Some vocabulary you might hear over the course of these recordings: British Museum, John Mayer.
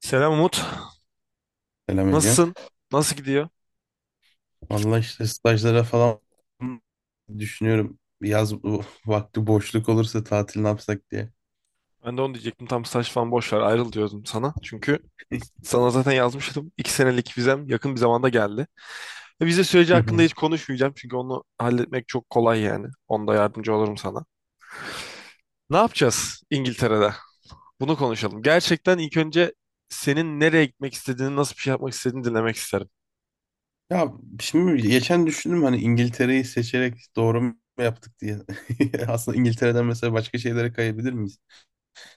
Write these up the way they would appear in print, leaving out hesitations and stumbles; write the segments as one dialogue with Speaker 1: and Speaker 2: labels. Speaker 1: Selam Umut.
Speaker 2: Selam Ege.
Speaker 1: Nasılsın? Nasıl gidiyor?
Speaker 2: Valla işte stajlara falan düşünüyorum. Yaz bu vakti boşluk olursa tatil ne yapsak diye.
Speaker 1: Ben de onu diyecektim. Tam staj falan boş ver ayrıl diyordum sana. Çünkü sana zaten yazmıştım. İki senelik vizem yakın bir zamanda geldi. Ve vize süreci
Speaker 2: Hı
Speaker 1: hakkında
Speaker 2: hı.
Speaker 1: hiç konuşmayacağım. Çünkü onu halletmek çok kolay yani. Onda yardımcı olurum sana. Ne yapacağız İngiltere'de? Bunu konuşalım. Gerçekten ilk önce senin nereye gitmek istediğini, nasıl bir şey yapmak istediğini dinlemek isterim.
Speaker 2: Ya şimdi geçen düşündüm hani İngiltere'yi seçerek doğru mu yaptık diye. Aslında İngiltere'den mesela başka şeylere kayabilir miyiz?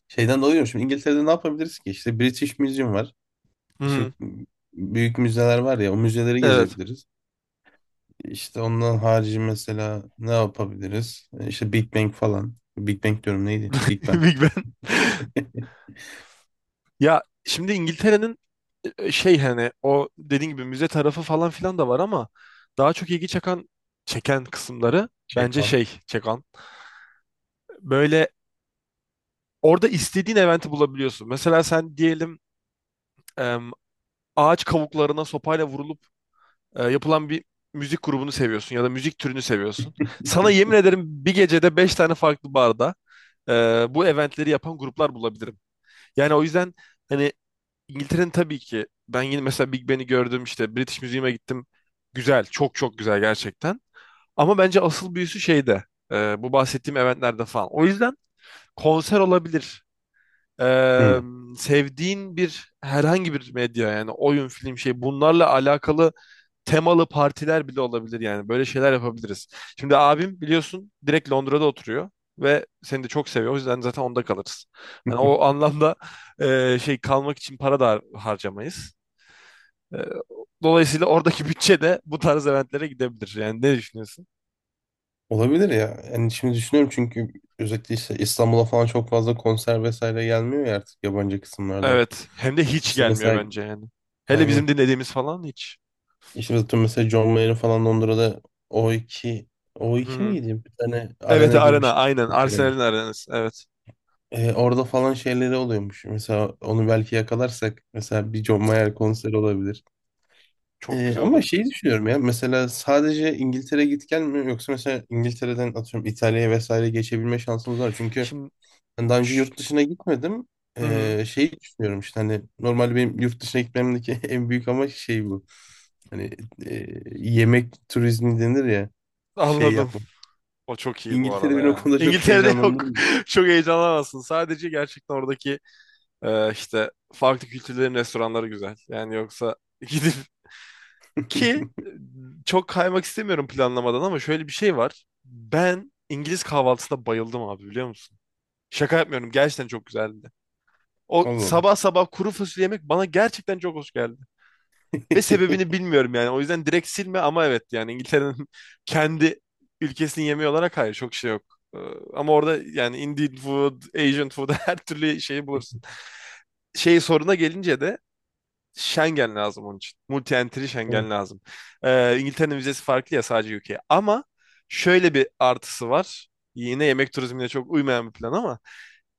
Speaker 2: Şeyden dolayı diyorum, şimdi İngiltere'de ne yapabiliriz ki? İşte British Museum var.
Speaker 1: Hı
Speaker 2: İşte o
Speaker 1: hı.
Speaker 2: büyük müzeler var ya, o müzeleri
Speaker 1: Evet.
Speaker 2: gezebiliriz. İşte ondan harici mesela ne yapabiliriz? İşte Big Bang falan. Big Bang diyorum, neydi? Big Bang.
Speaker 1: Big. Ya şimdi İngiltere'nin şey, hani o dediğin gibi müze tarafı falan filan da var ama daha çok ilgi çeken kısımları,
Speaker 2: Şey.
Speaker 1: bence şey çeken, böyle, orada istediğin eventi bulabiliyorsun. Mesela sen diyelim, em, ağaç kavuklarına sopayla vurulup yapılan bir müzik grubunu seviyorsun ya da müzik türünü seviyorsun. Sana yemin ederim bir gecede 5 tane farklı barda e, bu eventleri yapan gruplar bulabilirim. Yani o yüzden hani, İngiltere'nin tabii ki, ben yine mesela Big Ben'i gördüm, işte British Museum'a gittim. Güzel, çok çok güzel gerçekten. Ama bence asıl büyüsü şeyde. Bu bahsettiğim eventlerde falan. O yüzden konser olabilir. E,
Speaker 2: Hı.
Speaker 1: Sevdiğin bir, herhangi bir medya, yani oyun, film, şey, bunlarla alakalı temalı partiler bile olabilir yani. Böyle şeyler yapabiliriz. Şimdi abim biliyorsun direkt Londra'da oturuyor ve seni de çok seviyor. O yüzden zaten onda kalırız. Hani o anlamda şey, kalmak için para da harcamayız. Ee, Dolayısıyla oradaki bütçe de bu tarz eventlere gidebilir. Yani ne düşünüyorsun?
Speaker 2: Olabilir ya. Yani şimdi düşünüyorum çünkü özellikle işte İstanbul'a falan çok fazla konser vesaire gelmiyor ya artık yabancı kısımlardan.
Speaker 1: Evet. Hem de hiç
Speaker 2: İşte
Speaker 1: gelmiyor
Speaker 2: mesela
Speaker 1: bence yani. Hele
Speaker 2: aynen.
Speaker 1: bizim dinlediğimiz falan hiç.
Speaker 2: İşte mesela John Mayer'in falan Londra'da o iki o
Speaker 1: Hı
Speaker 2: iki
Speaker 1: hı.
Speaker 2: miydi? Bir tane
Speaker 1: Evet,
Speaker 2: arena gibi bir
Speaker 1: arena
Speaker 2: şey.
Speaker 1: aynen.
Speaker 2: Bir kere.
Speaker 1: Arsenal'in arenası. Evet.
Speaker 2: Orada falan şeyleri oluyormuş. Mesela onu belki yakalarsak mesela bir John Mayer konseri olabilir.
Speaker 1: Çok güzel
Speaker 2: Ama
Speaker 1: olur.
Speaker 2: şeyi düşünüyorum ya, mesela sadece İngiltere git gel mi, yoksa mesela İngiltere'den atıyorum İtalya'ya vesaire geçebilme şansımız var. Çünkü
Speaker 1: Şimdi.
Speaker 2: ben daha önce
Speaker 1: Şş,
Speaker 2: yurt dışına gitmedim.
Speaker 1: hı hı.
Speaker 2: Şeyi düşünüyorum işte hani normalde benim yurt dışına gitmemdeki en büyük amaç şey bu. Hani e, yemek turizmi denir ya, şey
Speaker 1: Anladım.
Speaker 2: yapmak.
Speaker 1: O çok iyi bu
Speaker 2: İngiltere
Speaker 1: arada
Speaker 2: beni o
Speaker 1: ya.
Speaker 2: konuda çok
Speaker 1: İngiltere'de yok.
Speaker 2: heyecanlandırıyor.
Speaker 1: Çok heyecanlanamazsın. Sadece gerçekten oradaki işte farklı kültürlerin restoranları güzel. Yani yoksa gidip, ki çok kaymak istemiyorum planlamadan, ama şöyle bir şey var. Ben İngiliz kahvaltısına bayıldım abi, biliyor musun? Şaka yapmıyorum, gerçekten çok güzeldi. O
Speaker 2: Allah Allah.
Speaker 1: sabah sabah kuru fasulye yemek bana gerçekten çok hoş geldi. Ve sebebini bilmiyorum yani. O yüzden direkt silme, ama evet, yani İngiltere'nin kendi ülkesinin yemeği olarak hayır, çok şey yok. Ee, Ama orada yani Indian food, Asian food, her türlü şeyi bulursun. Şey, soruna gelince de Schengen lazım onun için. Multi-entry
Speaker 2: Değil mi?
Speaker 1: Schengen lazım. İngiltere'nin vizesi farklı ya, sadece ülkeye. Ama şöyle bir artısı var. Yine yemek turizmine çok uymayan bir plan ama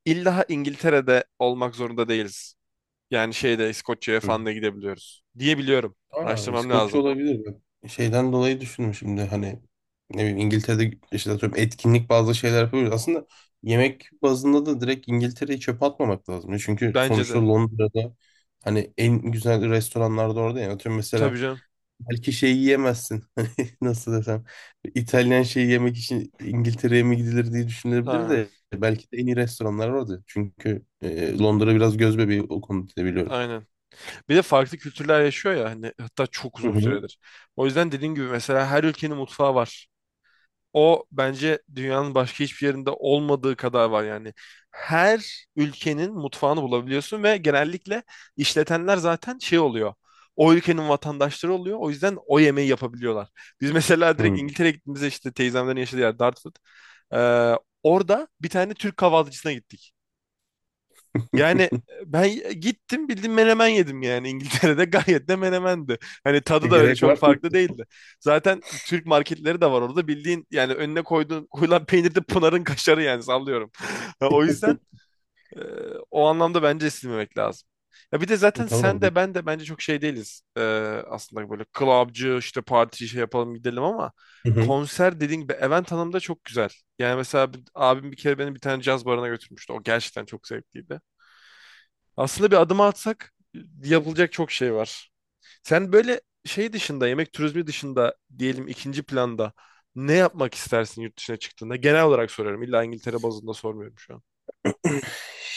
Speaker 1: illa İngiltere'de olmak zorunda değiliz. Yani şeyde, İskoçya'ya
Speaker 2: Hı.
Speaker 1: falan da gidebiliyoruz diye biliyorum.
Speaker 2: Aa,
Speaker 1: Araştırmam
Speaker 2: İskoçya
Speaker 1: lazım.
Speaker 2: olabilir. Bak, şeyden dolayı düşündüm şimdi hani ne bileyim İngiltere'de işte atıyorum etkinlik bazı şeyler yapıyoruz. Aslında yemek bazında da direkt İngiltere'yi çöpe atmamak lazım. Çünkü
Speaker 1: Bence
Speaker 2: sonuçta
Speaker 1: de.
Speaker 2: Londra'da hani en güzel restoranlarda orada, yani atıyorum
Speaker 1: Tabii
Speaker 2: mesela
Speaker 1: canım.
Speaker 2: belki şey yiyemezsin. Hani, nasıl desem, İtalyan şeyi yemek için İngiltere'ye mi gidilir diye düşünülebilir
Speaker 1: Aynen.
Speaker 2: de belki de en iyi restoranlar orada. Çünkü Londra biraz göz bebeği o konuda biliyorum.
Speaker 1: Aynen. Bir de farklı kültürler yaşıyor ya hani, hatta çok
Speaker 2: Hı
Speaker 1: uzun
Speaker 2: hı.
Speaker 1: süredir. O yüzden dediğin gibi mesela her ülkenin mutfağı var. O bence dünyanın başka hiçbir yerinde olmadığı kadar var yani. Her ülkenin mutfağını bulabiliyorsun ve genellikle işletenler zaten şey oluyor. O ülkenin vatandaşları oluyor. O yüzden o yemeği yapabiliyorlar. Biz mesela direkt
Speaker 2: Hı.
Speaker 1: İngiltere'ye gittiğimizde, işte teyzemlerin yaşadığı yer Dartford. Ee, orada bir tane Türk kahvaltıcısına gittik. Yani ben gittim, bildiğin menemen yedim, yani İngiltere'de gayet de menemendi. Hani tadı da öyle
Speaker 2: Gerek
Speaker 1: çok
Speaker 2: var mı?
Speaker 1: farklı değildi. Zaten Türk marketleri de var orada, bildiğin, yani önüne koyduğun koyulan peynir de Pınar'ın kaşarı yani, sallıyorum. O yüzden e, o anlamda bence silmemek lazım. Ya bir de zaten
Speaker 2: Tamam.
Speaker 1: sen de, ben de bence çok şey değiliz. Aslında böyle clubcı, işte parti şey yapalım gidelim, ama
Speaker 2: Hı hı.
Speaker 1: konser dediğin gibi, event hanım da çok güzel. Yani mesela abim bir kere beni bir tane caz barına götürmüştü. O gerçekten çok zevkliydi. Aslında bir adım atsak yapılacak çok şey var. Sen böyle şey dışında, yemek turizmi dışında diyelim, ikinci planda ne yapmak istersin yurt dışına çıktığında? Genel olarak soruyorum. İlla İngiltere bazında sormuyorum şu an.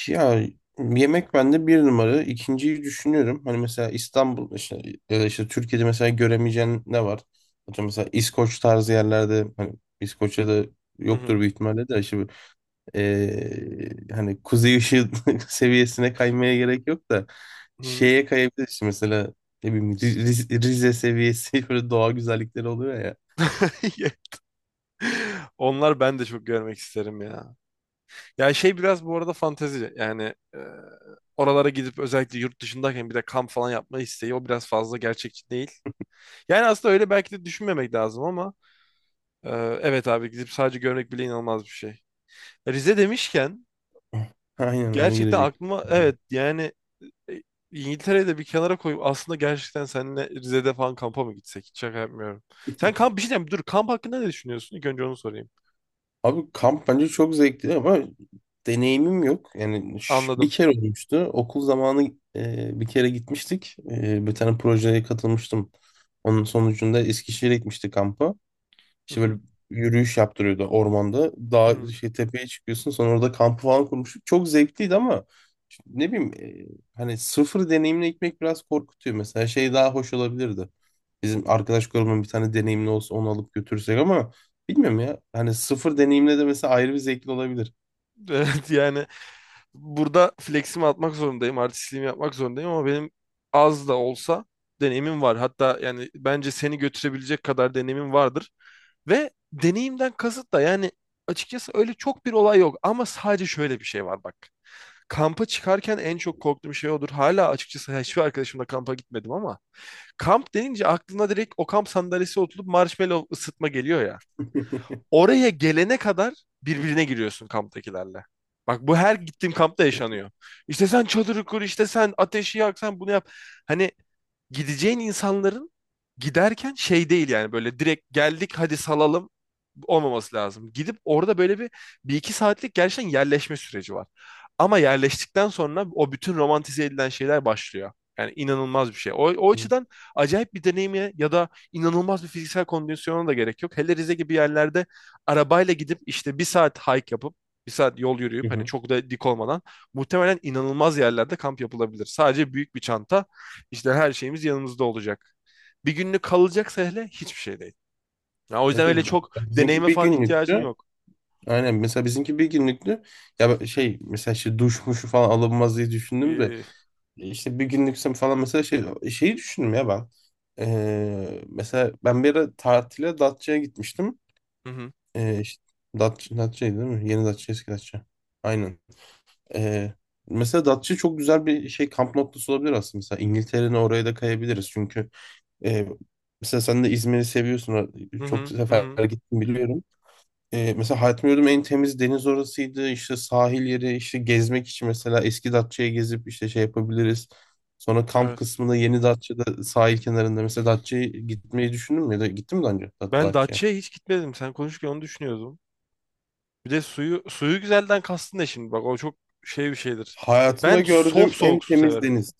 Speaker 2: Ya, yemek bende bir numara. İkinciyi düşünüyorum. Hani mesela İstanbul işte, ya da işte Türkiye'de mesela göremeyeceğin ne var? Atıyorum mesela İskoç tarzı yerlerde hani İskoçya'da
Speaker 1: Hı
Speaker 2: yoktur
Speaker 1: hı.
Speaker 2: büyük ihtimalle de işte bu, hani kuzey ışığı seviyesine kaymaya gerek yok da
Speaker 1: Hı.
Speaker 2: şeye kayabiliriz mesela, ne bileyim, Rize seviyesi böyle doğa güzellikleri oluyor ya.
Speaker 1: Onlar ben de çok görmek isterim ya. Ya şey, biraz bu arada fantezi. Yani e, oralara gidip, özellikle yurt dışındayken bir de kamp falan yapma isteği, o biraz fazla gerçekçi değil. Yani aslında öyle belki de düşünmemek lazım, ama e, evet abi, gidip sadece görmek bile inanılmaz bir şey. Rize demişken
Speaker 2: Aynen ona
Speaker 1: gerçekten
Speaker 2: girecek.
Speaker 1: aklıma evet yani e, İngiltere'yi de bir kenara koyup aslında gerçekten seninle Rize'de falan kampa mı gitsek? Hiç şaka yapmıyorum. Sen kamp, bir şey diyeyim, dur, kamp hakkında ne düşünüyorsun? İlk önce onu sorayım.
Speaker 2: Abi kamp bence çok zevkli ama deneyimim yok. Yani
Speaker 1: Anladım.
Speaker 2: bir kere olmuştu. Okul zamanı bir kere gitmiştik. E, bir tane projeye katılmıştım. Onun sonucunda Eskişehir'e gitmiştik kampa.
Speaker 1: Hı
Speaker 2: İşte
Speaker 1: hı,
Speaker 2: böyle yürüyüş yaptırıyordu ormanda.
Speaker 1: hı
Speaker 2: Dağ,
Speaker 1: hı.
Speaker 2: şey, tepeye çıkıyorsun sonra orada kampı falan kurmuştuk. Çok zevkliydi ama işte ne bileyim, hani sıfır deneyimle gitmek biraz korkutuyor. Mesela şey daha hoş olabilirdi. Bizim arkadaş grubunun bir tane deneyimli olsa onu alıp götürsek ama bilmiyorum ya. Hani sıfır deneyimle de mesela ayrı bir zevkli olabilir.
Speaker 1: Evet yani, burada fleximi atmak zorundayım, artistliğimi yapmak zorundayım ama benim az da olsa deneyimim var. Hatta yani bence seni götürebilecek kadar deneyimim vardır. Ve deneyimden kasıt da yani, açıkçası öyle çok bir olay yok ama sadece şöyle bir şey var bak. Kampa çıkarken en çok korktuğum şey odur. Hala açıkçası hiçbir arkadaşımla kampa gitmedim ama kamp denince aklına direkt o kamp sandalyesi oturup marshmallow ısıtma geliyor ya. Oraya gelene kadar birbirine giriyorsun kamptakilerle. Bak bu her gittiğim kampta yaşanıyor. İşte sen çadırı kur, işte sen ateşi yak, sen bunu yap. Hani gideceğin insanların giderken şey değil, yani böyle direkt geldik hadi salalım olmaması lazım. Gidip orada böyle bir, bir iki saatlik gerçekten yerleşme süreci var. Ama yerleştikten sonra o bütün romantize edilen şeyler başlıyor. Yani inanılmaz bir şey. O, o
Speaker 2: Hı
Speaker 1: açıdan acayip bir deneyime ya da inanılmaz bir fiziksel kondisyona da gerek yok. Hele Rize gibi yerlerde arabayla gidip işte bir saat hike yapıp bir saat yol yürüyüp, hani
Speaker 2: hı.
Speaker 1: çok da dik olmadan muhtemelen inanılmaz yerlerde kamp yapılabilir. Sadece büyük bir çanta, işte her şeyimiz yanımızda olacak. Bir günlük kalacaksa hele hiçbir şey değil. Ya o yüzden
Speaker 2: Evet,
Speaker 1: öyle
Speaker 2: evet.
Speaker 1: çok
Speaker 2: Bizimki
Speaker 1: deneyime
Speaker 2: bir
Speaker 1: falan ihtiyacın
Speaker 2: günlüktü.
Speaker 1: yok.
Speaker 2: Aynen, mesela bizimki bir günlüktü. Şey, mesela işte duş muşu falan alınmaz diye düşündüm de
Speaker 1: Ee,
Speaker 2: İşte bir günlüksem falan mesela şey, şeyi düşündüm ya ben. Mesela ben bir ara tatile Datça'ya gitmiştim.
Speaker 1: hı hı,
Speaker 2: İşte Datça, Datça'ydı değil mi? Yeni Datça, eski Datça. Aynen. Ee, Mesela Datça çok güzel bir şey, kamp noktası olabilir aslında. Mesela İngiltere'nin oraya da kayabiliriz. Çünkü e, mesela sen de İzmir'i seviyorsun.
Speaker 1: hı
Speaker 2: Çok
Speaker 1: hı, hı
Speaker 2: sefer
Speaker 1: hı.
Speaker 2: gittim biliyorum. E, mesela hayatımda gördüğüm en temiz deniz orasıydı. İşte sahil yeri, işte gezmek için mesela eski Datça'ya gezip işte şey yapabiliriz. Sonra kamp
Speaker 1: Evet.
Speaker 2: kısmında yeni Datça'da sahil kenarında, mesela Datça'ya gitmeyi düşündün mü ya da gittim mi daha önce
Speaker 1: Ben
Speaker 2: Datça'ya?
Speaker 1: Datça'ya hiç gitmedim. Sen konuşurken onu düşünüyordum. Bir de suyu, suyu güzelden kastın ne şimdi? Bak o çok şey bir şeydir.
Speaker 2: Hayatımda
Speaker 1: Ben sop
Speaker 2: gördüğüm en
Speaker 1: soğuk su
Speaker 2: temiz
Speaker 1: severim.
Speaker 2: deniz.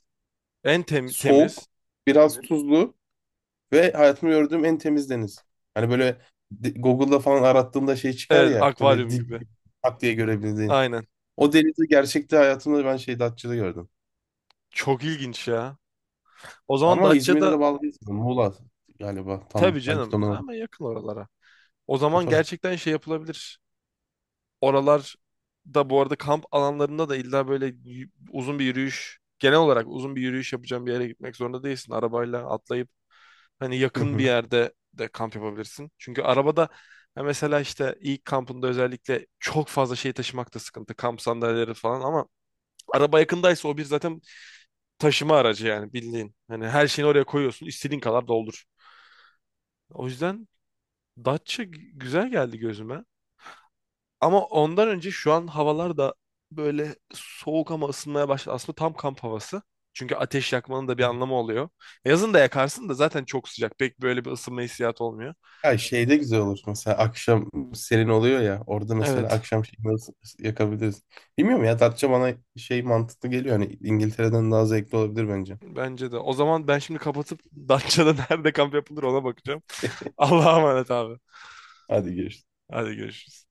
Speaker 1: En temiz.
Speaker 2: Soğuk, biraz, evet, tuzlu ve hayatımda gördüğüm en temiz deniz. Hani böyle Google'da falan arattığımda şey çıkar
Speaker 1: Evet,
Speaker 2: ya böyle
Speaker 1: akvaryum
Speaker 2: dip,
Speaker 1: gibi.
Speaker 2: tak diye görebildiğin.
Speaker 1: Aynen.
Speaker 2: O denizi gerçekte hayatımda ben şey Datça'da gördüm.
Speaker 1: Çok ilginç ya. O zaman
Speaker 2: Ama İzmir'de
Speaker 1: Datça'da,
Speaker 2: de bağlı değil sanırım. Muğla galiba
Speaker 1: tabii
Speaker 2: tam, belki de
Speaker 1: canım
Speaker 2: ondan olabilir.
Speaker 1: ama yakın oralara. O
Speaker 2: E,
Speaker 1: zaman
Speaker 2: tabii.
Speaker 1: gerçekten şey yapılabilir. Oralar da bu arada, kamp alanlarında da illa böyle uzun bir yürüyüş, genel olarak uzun bir yürüyüş yapacağım bir yere gitmek zorunda değilsin. Arabayla atlayıp hani
Speaker 2: Hı
Speaker 1: yakın bir
Speaker 2: hı.
Speaker 1: yerde de kamp yapabilirsin. Çünkü arabada ha, mesela işte ilk kampında özellikle çok fazla şey taşımak da sıkıntı. Kamp sandalyeleri falan, ama araba yakındaysa o bir zaten taşıma aracı yani, bildiğin. Hani her şeyini oraya koyuyorsun, istediğin kadar doldur. O yüzden Datça güzel geldi gözüme. Ama ondan önce şu an havalar da böyle soğuk ama ısınmaya başladı. Aslında tam kamp havası. Çünkü ateş yakmanın da bir anlamı oluyor. Yazın da yakarsın da zaten çok sıcak. Pek böyle bir ısınma hissiyatı olmuyor.
Speaker 2: Ya şeyde güzel olur mesela akşam serin oluyor ya orada, mesela
Speaker 1: Evet.
Speaker 2: akşam şeyini nasıl yakabiliriz. Bilmiyorum ya, Datça bana şey mantıklı geliyor, hani İngiltere'den daha zevkli olabilir bence.
Speaker 1: Bence de. O zaman ben şimdi kapatıp Datça'da nerede kamp yapılır ona bakacağım. Allah'a emanet abi.
Speaker 2: Hadi görüşürüz.
Speaker 1: Hadi görüşürüz.